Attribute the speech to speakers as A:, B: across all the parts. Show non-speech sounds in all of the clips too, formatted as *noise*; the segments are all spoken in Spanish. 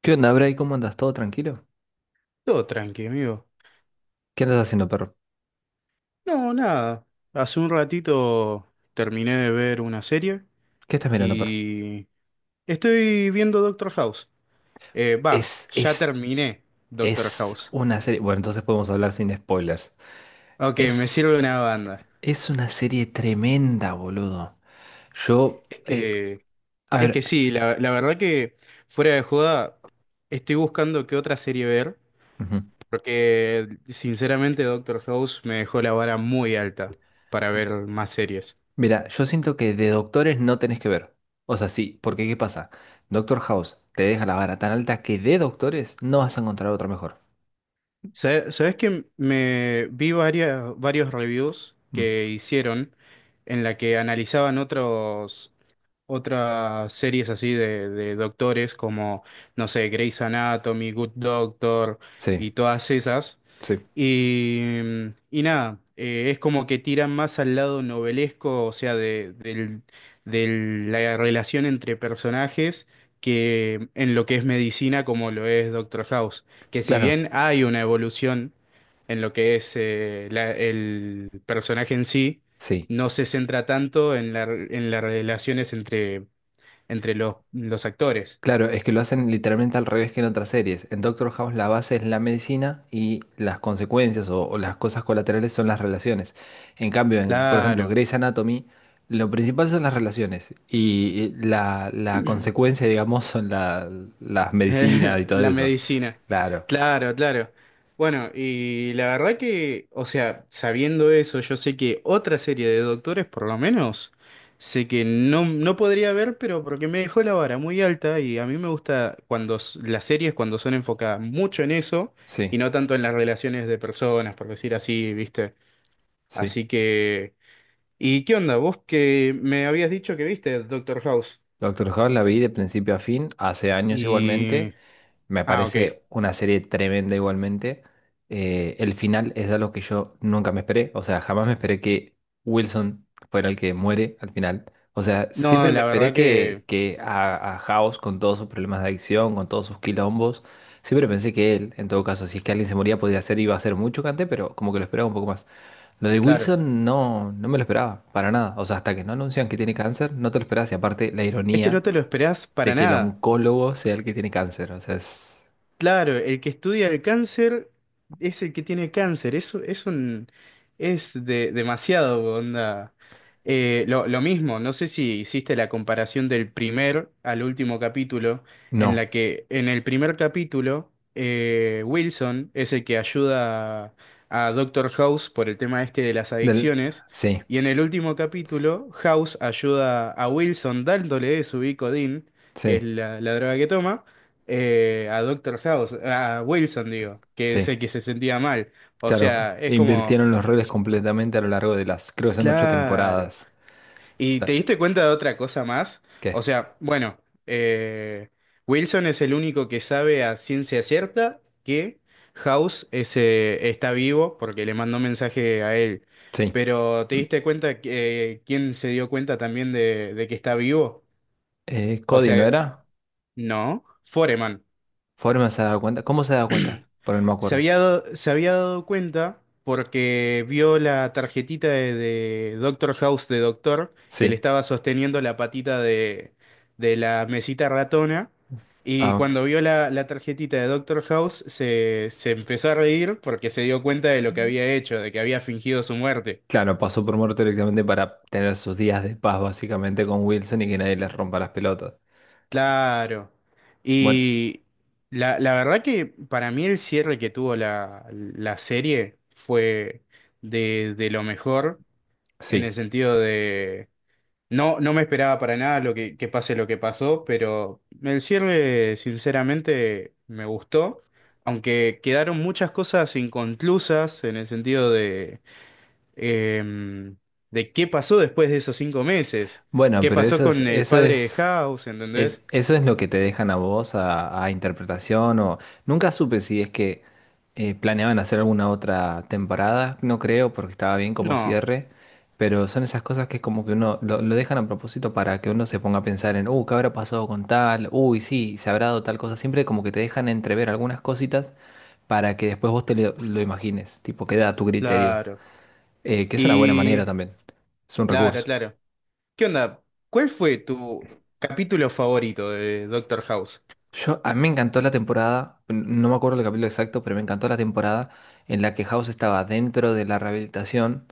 A: ¿Qué onda, Bray? ¿Cómo andas? ¿Todo tranquilo?
B: Todo tranqui, amigo.
A: ¿Qué andas haciendo, perro?
B: No, nada. Hace un ratito terminé de ver una serie
A: ¿Qué estás mirando, perro?
B: y estoy viendo Doctor House. Va,
A: Es,
B: ya
A: es,
B: terminé Doctor
A: es
B: House.
A: una serie. Bueno, entonces podemos hablar sin spoilers.
B: Ok, me
A: Es,
B: sirve una banda.
A: es una serie tremenda, boludo. Yo,
B: Es que,
A: a
B: es que
A: ver,
B: sí, la verdad que fuera de joda estoy buscando qué otra serie ver
A: ujú.
B: porque sinceramente Doctor House me dejó la vara muy alta para ver más series.
A: Mira, yo siento que de doctores no tenés que ver. O sea, sí, porque ¿qué pasa? Doctor House te deja la vara tan alta que de doctores no vas a encontrar otra mejor.
B: Sabes que me vi varias, varios reviews
A: Mm,
B: que hicieron en la que analizaban otros, otras series así de doctores como, no sé, Grey's Anatomy, Good Doctor
A: sí,
B: y todas esas.
A: sí.
B: Y, y nada, es como que tiran más al lado novelesco, o sea, la relación entre personajes que en lo que es medicina como lo es Doctor House. Que si
A: Claro,
B: bien hay una evolución en lo que es el personaje en sí,
A: sí.
B: no se centra tanto en en las relaciones entre los actores.
A: Claro, es que lo hacen literalmente al revés que en otras series. En Doctor House la base es la medicina y las consecuencias o las cosas colaterales son las relaciones. En cambio, en, por ejemplo,
B: Claro.
A: Grey's Anatomy, lo principal son las relaciones y la
B: *clears throat*
A: consecuencia, digamos, son las medicinas y
B: *laughs*
A: todo
B: La
A: eso.
B: medicina.
A: Claro,
B: Claro, claro. Bueno, y la verdad que, o sea, sabiendo eso, yo sé que otra serie de doctores, por lo menos, sé que no, no podría ver, pero porque me dejó la vara muy alta y a mí me gusta cuando las series, cuando son enfocadas mucho en eso
A: sí,
B: y no tanto en las relaciones de personas, por decir así, ¿viste?
A: sí.
B: Así que… ¿Y qué onda? Vos que me habías dicho que viste Doctor House.
A: Doctor House la vi de principio a fin, hace años
B: Y…
A: igualmente. Me
B: Ah, ok.
A: parece una serie tremenda igualmente. El final es algo que yo nunca me esperé. O sea, jamás me esperé que Wilson fuera el que muere al final. O sea,
B: No,
A: siempre me
B: la
A: esperé
B: verdad
A: que,
B: que…
A: que a House, con todos sus problemas de adicción, con todos sus quilombos, siempre pensé que él, en todo caso, si es que alguien se moría, podía ser, iba a ser muy chocante, pero como que lo esperaba un poco más. Lo de
B: Claro.
A: Wilson no, no me lo esperaba, para nada. O sea, hasta que no anuncian que tiene cáncer, no te lo esperas. Y aparte, la
B: Es que
A: ironía
B: no te lo esperás
A: de
B: para
A: que el
B: nada.
A: oncólogo sea el que tiene cáncer. O sea, es.
B: Claro, el que estudia el cáncer es el que tiene cáncer. Eso es un es de, demasiado, onda. Lo mismo, no sé si hiciste la comparación del primer al último capítulo, en
A: No,
B: la que en el primer capítulo Wilson es el que ayuda a Doctor House por el tema este de las
A: del,
B: adicciones,
A: sí,
B: y en el último capítulo House ayuda a Wilson dándole su Vicodin, que es
A: sí,
B: la la droga que toma a Doctor House, a Wilson, digo, que es
A: sí,
B: el que se sentía mal. O
A: claro,
B: sea, es
A: e
B: como,
A: invirtieron los roles completamente a lo largo de las, creo que son ocho
B: claro.
A: temporadas.
B: ¿Y te
A: La-
B: diste cuenta de otra cosa más?
A: ¿Qué?
B: O sea, bueno, eh, Wilson es el único que sabe a ciencia cierta que House está vivo porque le mandó mensaje a él.
A: Sí.
B: Pero ¿te diste cuenta que, quién se dio cuenta también de que está vivo? O
A: Cody, ¿no
B: sea,
A: era?
B: no, Foreman.
A: ¿Foreman se ha dado cuenta? ¿Cómo se ha dado cuenta? Por no me acuerdo.
B: Se había dado cuenta porque vio la tarjetita de Doctor House de Doctor que le
A: Sí.
B: estaba sosteniendo la patita de la mesita ratona. Y
A: Ah, ok.
B: cuando vio la tarjetita de Doctor House se empezó a reír porque se dio cuenta de lo que
A: Ujú.
B: había hecho, de que había fingido su muerte.
A: Claro, pasó por muerto directamente para tener sus días de paz básicamente con Wilson y que nadie les rompa las pelotas.
B: Claro.
A: Bueno,
B: Y la verdad que para mí el cierre que tuvo la serie fue de lo mejor. En el
A: sí.
B: sentido de no, no me esperaba para nada lo que pase lo que pasó, pero el cierre sinceramente me gustó, aunque quedaron muchas cosas inconclusas en el sentido de em, de qué pasó después de esos cinco meses,
A: Bueno,
B: qué
A: pero
B: pasó
A: eso es,
B: con el
A: eso
B: padre de
A: es.
B: House,
A: Es,
B: ¿entendés?
A: eso es lo que te dejan a vos a interpretación o nunca supe si es que planeaban hacer alguna otra temporada, no creo porque estaba bien como
B: No,
A: cierre, pero son esas cosas que es como que uno lo dejan a propósito para que uno se ponga a pensar en, ¿qué habrá pasado con tal? Uy, sí, se habrá dado tal cosa, siempre como que te dejan entrever algunas cositas para que después vos te lo imagines, tipo queda a tu criterio,
B: claro.
A: que es una buena manera
B: Y
A: también, es un
B: claro,
A: recurso.
B: claro. ¿Qué onda? ¿Cuál fue tu capítulo favorito de Doctor House?
A: Yo, a mí me encantó la temporada, no me acuerdo el capítulo exacto, pero me encantó la temporada en la que House estaba dentro de la rehabilitación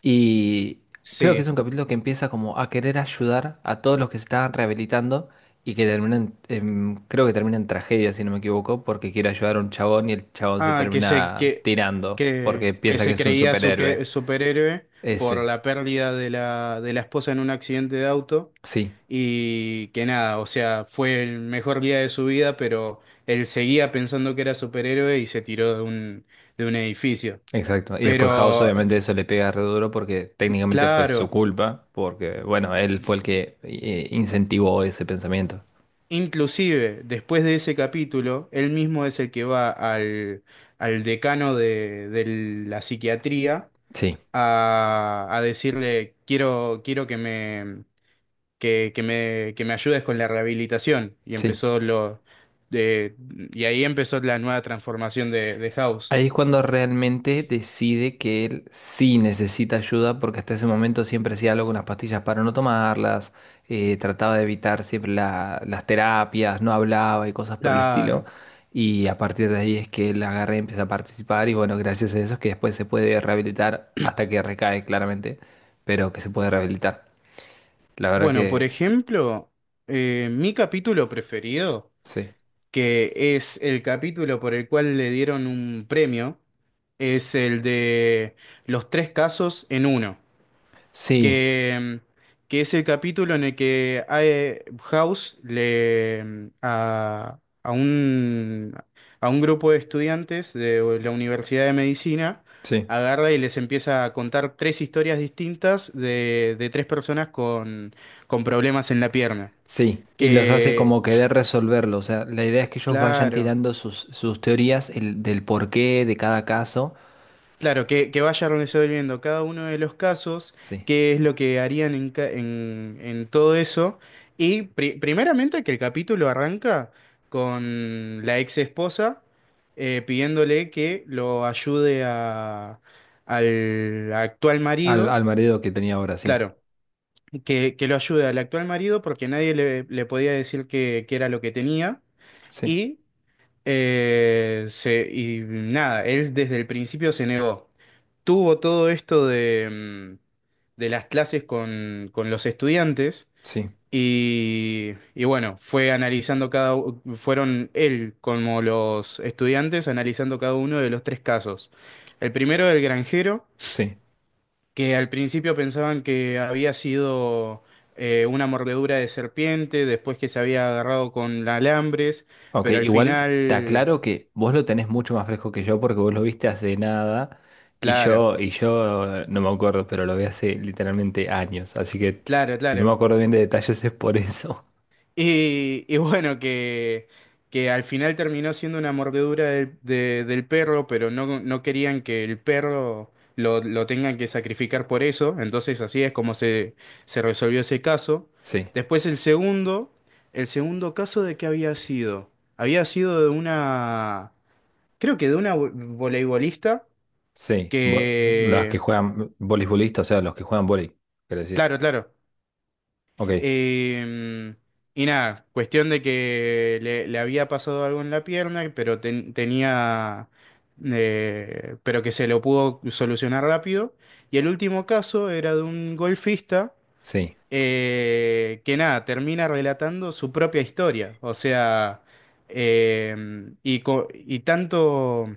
A: y creo que es
B: Sí.
A: un capítulo que empieza como a querer ayudar a todos los que se estaban rehabilitando y que termina creo que termina en tragedia, si no me equivoco, porque quiere ayudar a un chabón y el chabón se
B: Ah,
A: termina tirando porque
B: que
A: piensa que
B: se
A: es un
B: creía
A: superhéroe.
B: superhéroe por
A: Ese,
B: la pérdida de de la esposa en un accidente de auto
A: sí.
B: y que nada, o sea, fue el mejor día de su vida, pero él seguía pensando que era superhéroe y se tiró de un edificio.
A: Exacto. Y después House,
B: Pero,
A: obviamente, eso le pega re duro porque técnicamente fue su
B: claro,
A: culpa, porque, bueno, él fue el que incentivó ese pensamiento.
B: inclusive después de ese capítulo, él mismo es el que va al decano de la psiquiatría
A: Sí,
B: a decirle, quiero, quiero que me, que me ayudes con la rehabilitación. Y
A: sí.
B: empezó de, y ahí empezó la nueva transformación de House.
A: Ahí es cuando realmente decide que él sí necesita ayuda, porque hasta ese momento siempre hacía algo con las pastillas para no tomarlas, trataba de evitar siempre las terapias, no hablaba y cosas por el estilo.
B: Claro.
A: Y a partir de ahí es que él agarra y empieza a participar, y bueno, gracias a eso es que después se puede rehabilitar hasta que recae claramente, pero que se puede rehabilitar. La verdad
B: Bueno, por
A: que
B: ejemplo, mi capítulo preferido,
A: sí.
B: que es el capítulo por el cual le dieron un premio, es el de los tres casos en uno.
A: Sí,
B: que, que es el capítulo en el que House le a un grupo de estudiantes de la Universidad de Medicina
A: sí.
B: agarra y les empieza a contar tres historias distintas de tres personas con problemas en la pierna.
A: Sí, y los hace
B: Que,
A: como querer resolverlo. O sea, la idea es que ellos vayan
B: claro.
A: tirando sus teorías del porqué de cada caso.
B: Claro, que vaya resolviendo cada uno de los casos,
A: Sí,
B: qué es lo que harían en todo eso. Y primeramente que el capítulo arranca con la ex esposa pidiéndole que lo ayude al actual
A: al,
B: marido.
A: al marido que tenía ahora, sí.
B: Claro, que lo ayude al actual marido porque nadie le, le podía decir que era lo que tenía.
A: Sí,
B: Y, y nada, él desde el principio se negó tuvo todo esto de las clases con los estudiantes
A: sí,
B: y bueno, fue analizando fueron él como los estudiantes analizando cada uno de los tres casos. El primero, el granjero,
A: sí.
B: que al principio pensaban que había sido una mordedura de serpiente, después que se había agarrado con alambres,
A: Ok,
B: pero al
A: igual te
B: final,
A: aclaro que vos lo tenés mucho más fresco que yo porque vos lo viste hace nada y
B: claro,
A: yo, y yo eh, no me acuerdo, pero lo vi hace literalmente años. Así que
B: claro,
A: si no me
B: claro.
A: acuerdo bien de detalles *laughs* es por eso. *laughs*
B: Y bueno, que al final terminó siendo una mordedura del perro, pero no, no querían que el perro lo tengan que sacrificar por eso. Entonces así es como se resolvió ese caso.
A: Sí,
B: Después el segundo caso de qué había sido. Había sido de una, creo que de una voleibolista
A: sí. Los que
B: que,
A: juegan voleibolistas, o sea, los que juegan vóley, quiero decir.
B: claro, claro.
A: Ok.
B: Eh, y nada, cuestión de que le había pasado algo en la pierna, pero tenía, pero que se lo pudo solucionar rápido. Y el último caso era de un golfista
A: Sí,
B: que nada, termina relatando su propia historia. O sea, eh, y tanto.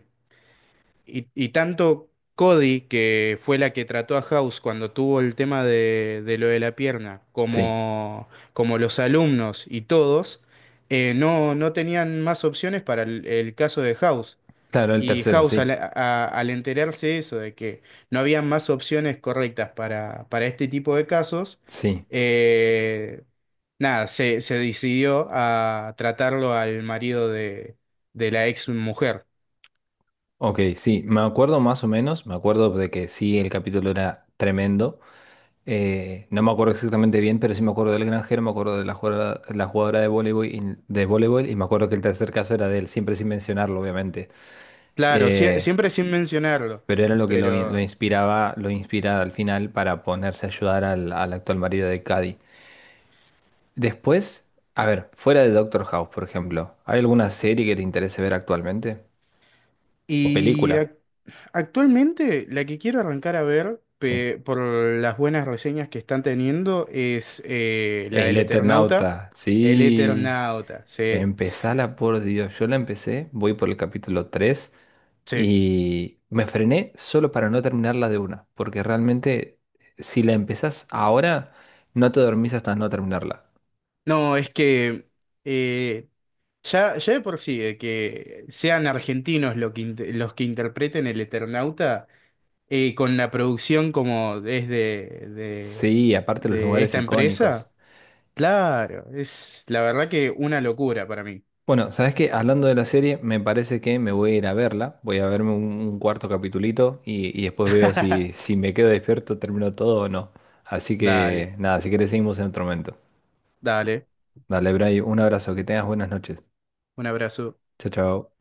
B: Y tanto Cody, que fue la que trató a House cuando tuvo el tema de lo de la pierna,
A: sí.
B: como, como los alumnos y todos, no, no tenían más opciones para el caso de House.
A: Claro, el
B: Y
A: tercero,
B: House,
A: sí.
B: al enterarse de eso, de que no había más opciones correctas para este tipo de casos,
A: Sí.
B: eh, nada, se decidió a tratarlo al marido de la ex mujer.
A: Ok, sí. Me acuerdo más o menos. Me acuerdo de que sí, el capítulo era tremendo. No me acuerdo exactamente bien, pero sí me acuerdo del granjero, me acuerdo de la jugadora de voleibol y me acuerdo que el tercer caso era de él, siempre sin mencionarlo, obviamente.
B: Claro,
A: Eh,
B: siempre sin mencionarlo,
A: pero era lo que lo, in- lo
B: pero…
A: inspiraba, lo inspiraba al final para ponerse a ayudar al actual marido de Cady. Después, a ver, fuera de Doctor House, por ejemplo, ¿hay alguna serie que te interese ver actualmente? O
B: Y
A: película,
B: actualmente la que quiero arrancar a ver,
A: sí.
B: por las buenas reseñas que están teniendo, es la
A: El
B: del Eternauta.
A: Eternauta,
B: El
A: sí.
B: Eternauta, sí,
A: Empezala, por Dios. Yo la empecé, voy por el capítulo 3
B: sí.
A: y me frené solo para no terminarla de una, porque realmente si la empezás ahora, no te dormís hasta no terminarla.
B: No, es que eh, ya de por sí, de que sean argentinos lo que los que interpreten el Eternauta, con la producción como es de
A: Sí, aparte los lugares
B: esta
A: icónicos.
B: empresa. Claro, es la verdad que una locura para mí.
A: Bueno, sabes que hablando de la serie, me parece que me voy a ir a verla. Voy a verme un cuarto capitulito y después veo si,
B: *laughs*
A: si me quedo despierto, termino todo o no. Así que
B: Dale,
A: nada, si querés seguimos en otro momento.
B: dale.
A: Dale, Bray, un abrazo, que tengas buenas noches.
B: Un abrazo.
A: Chao, chao.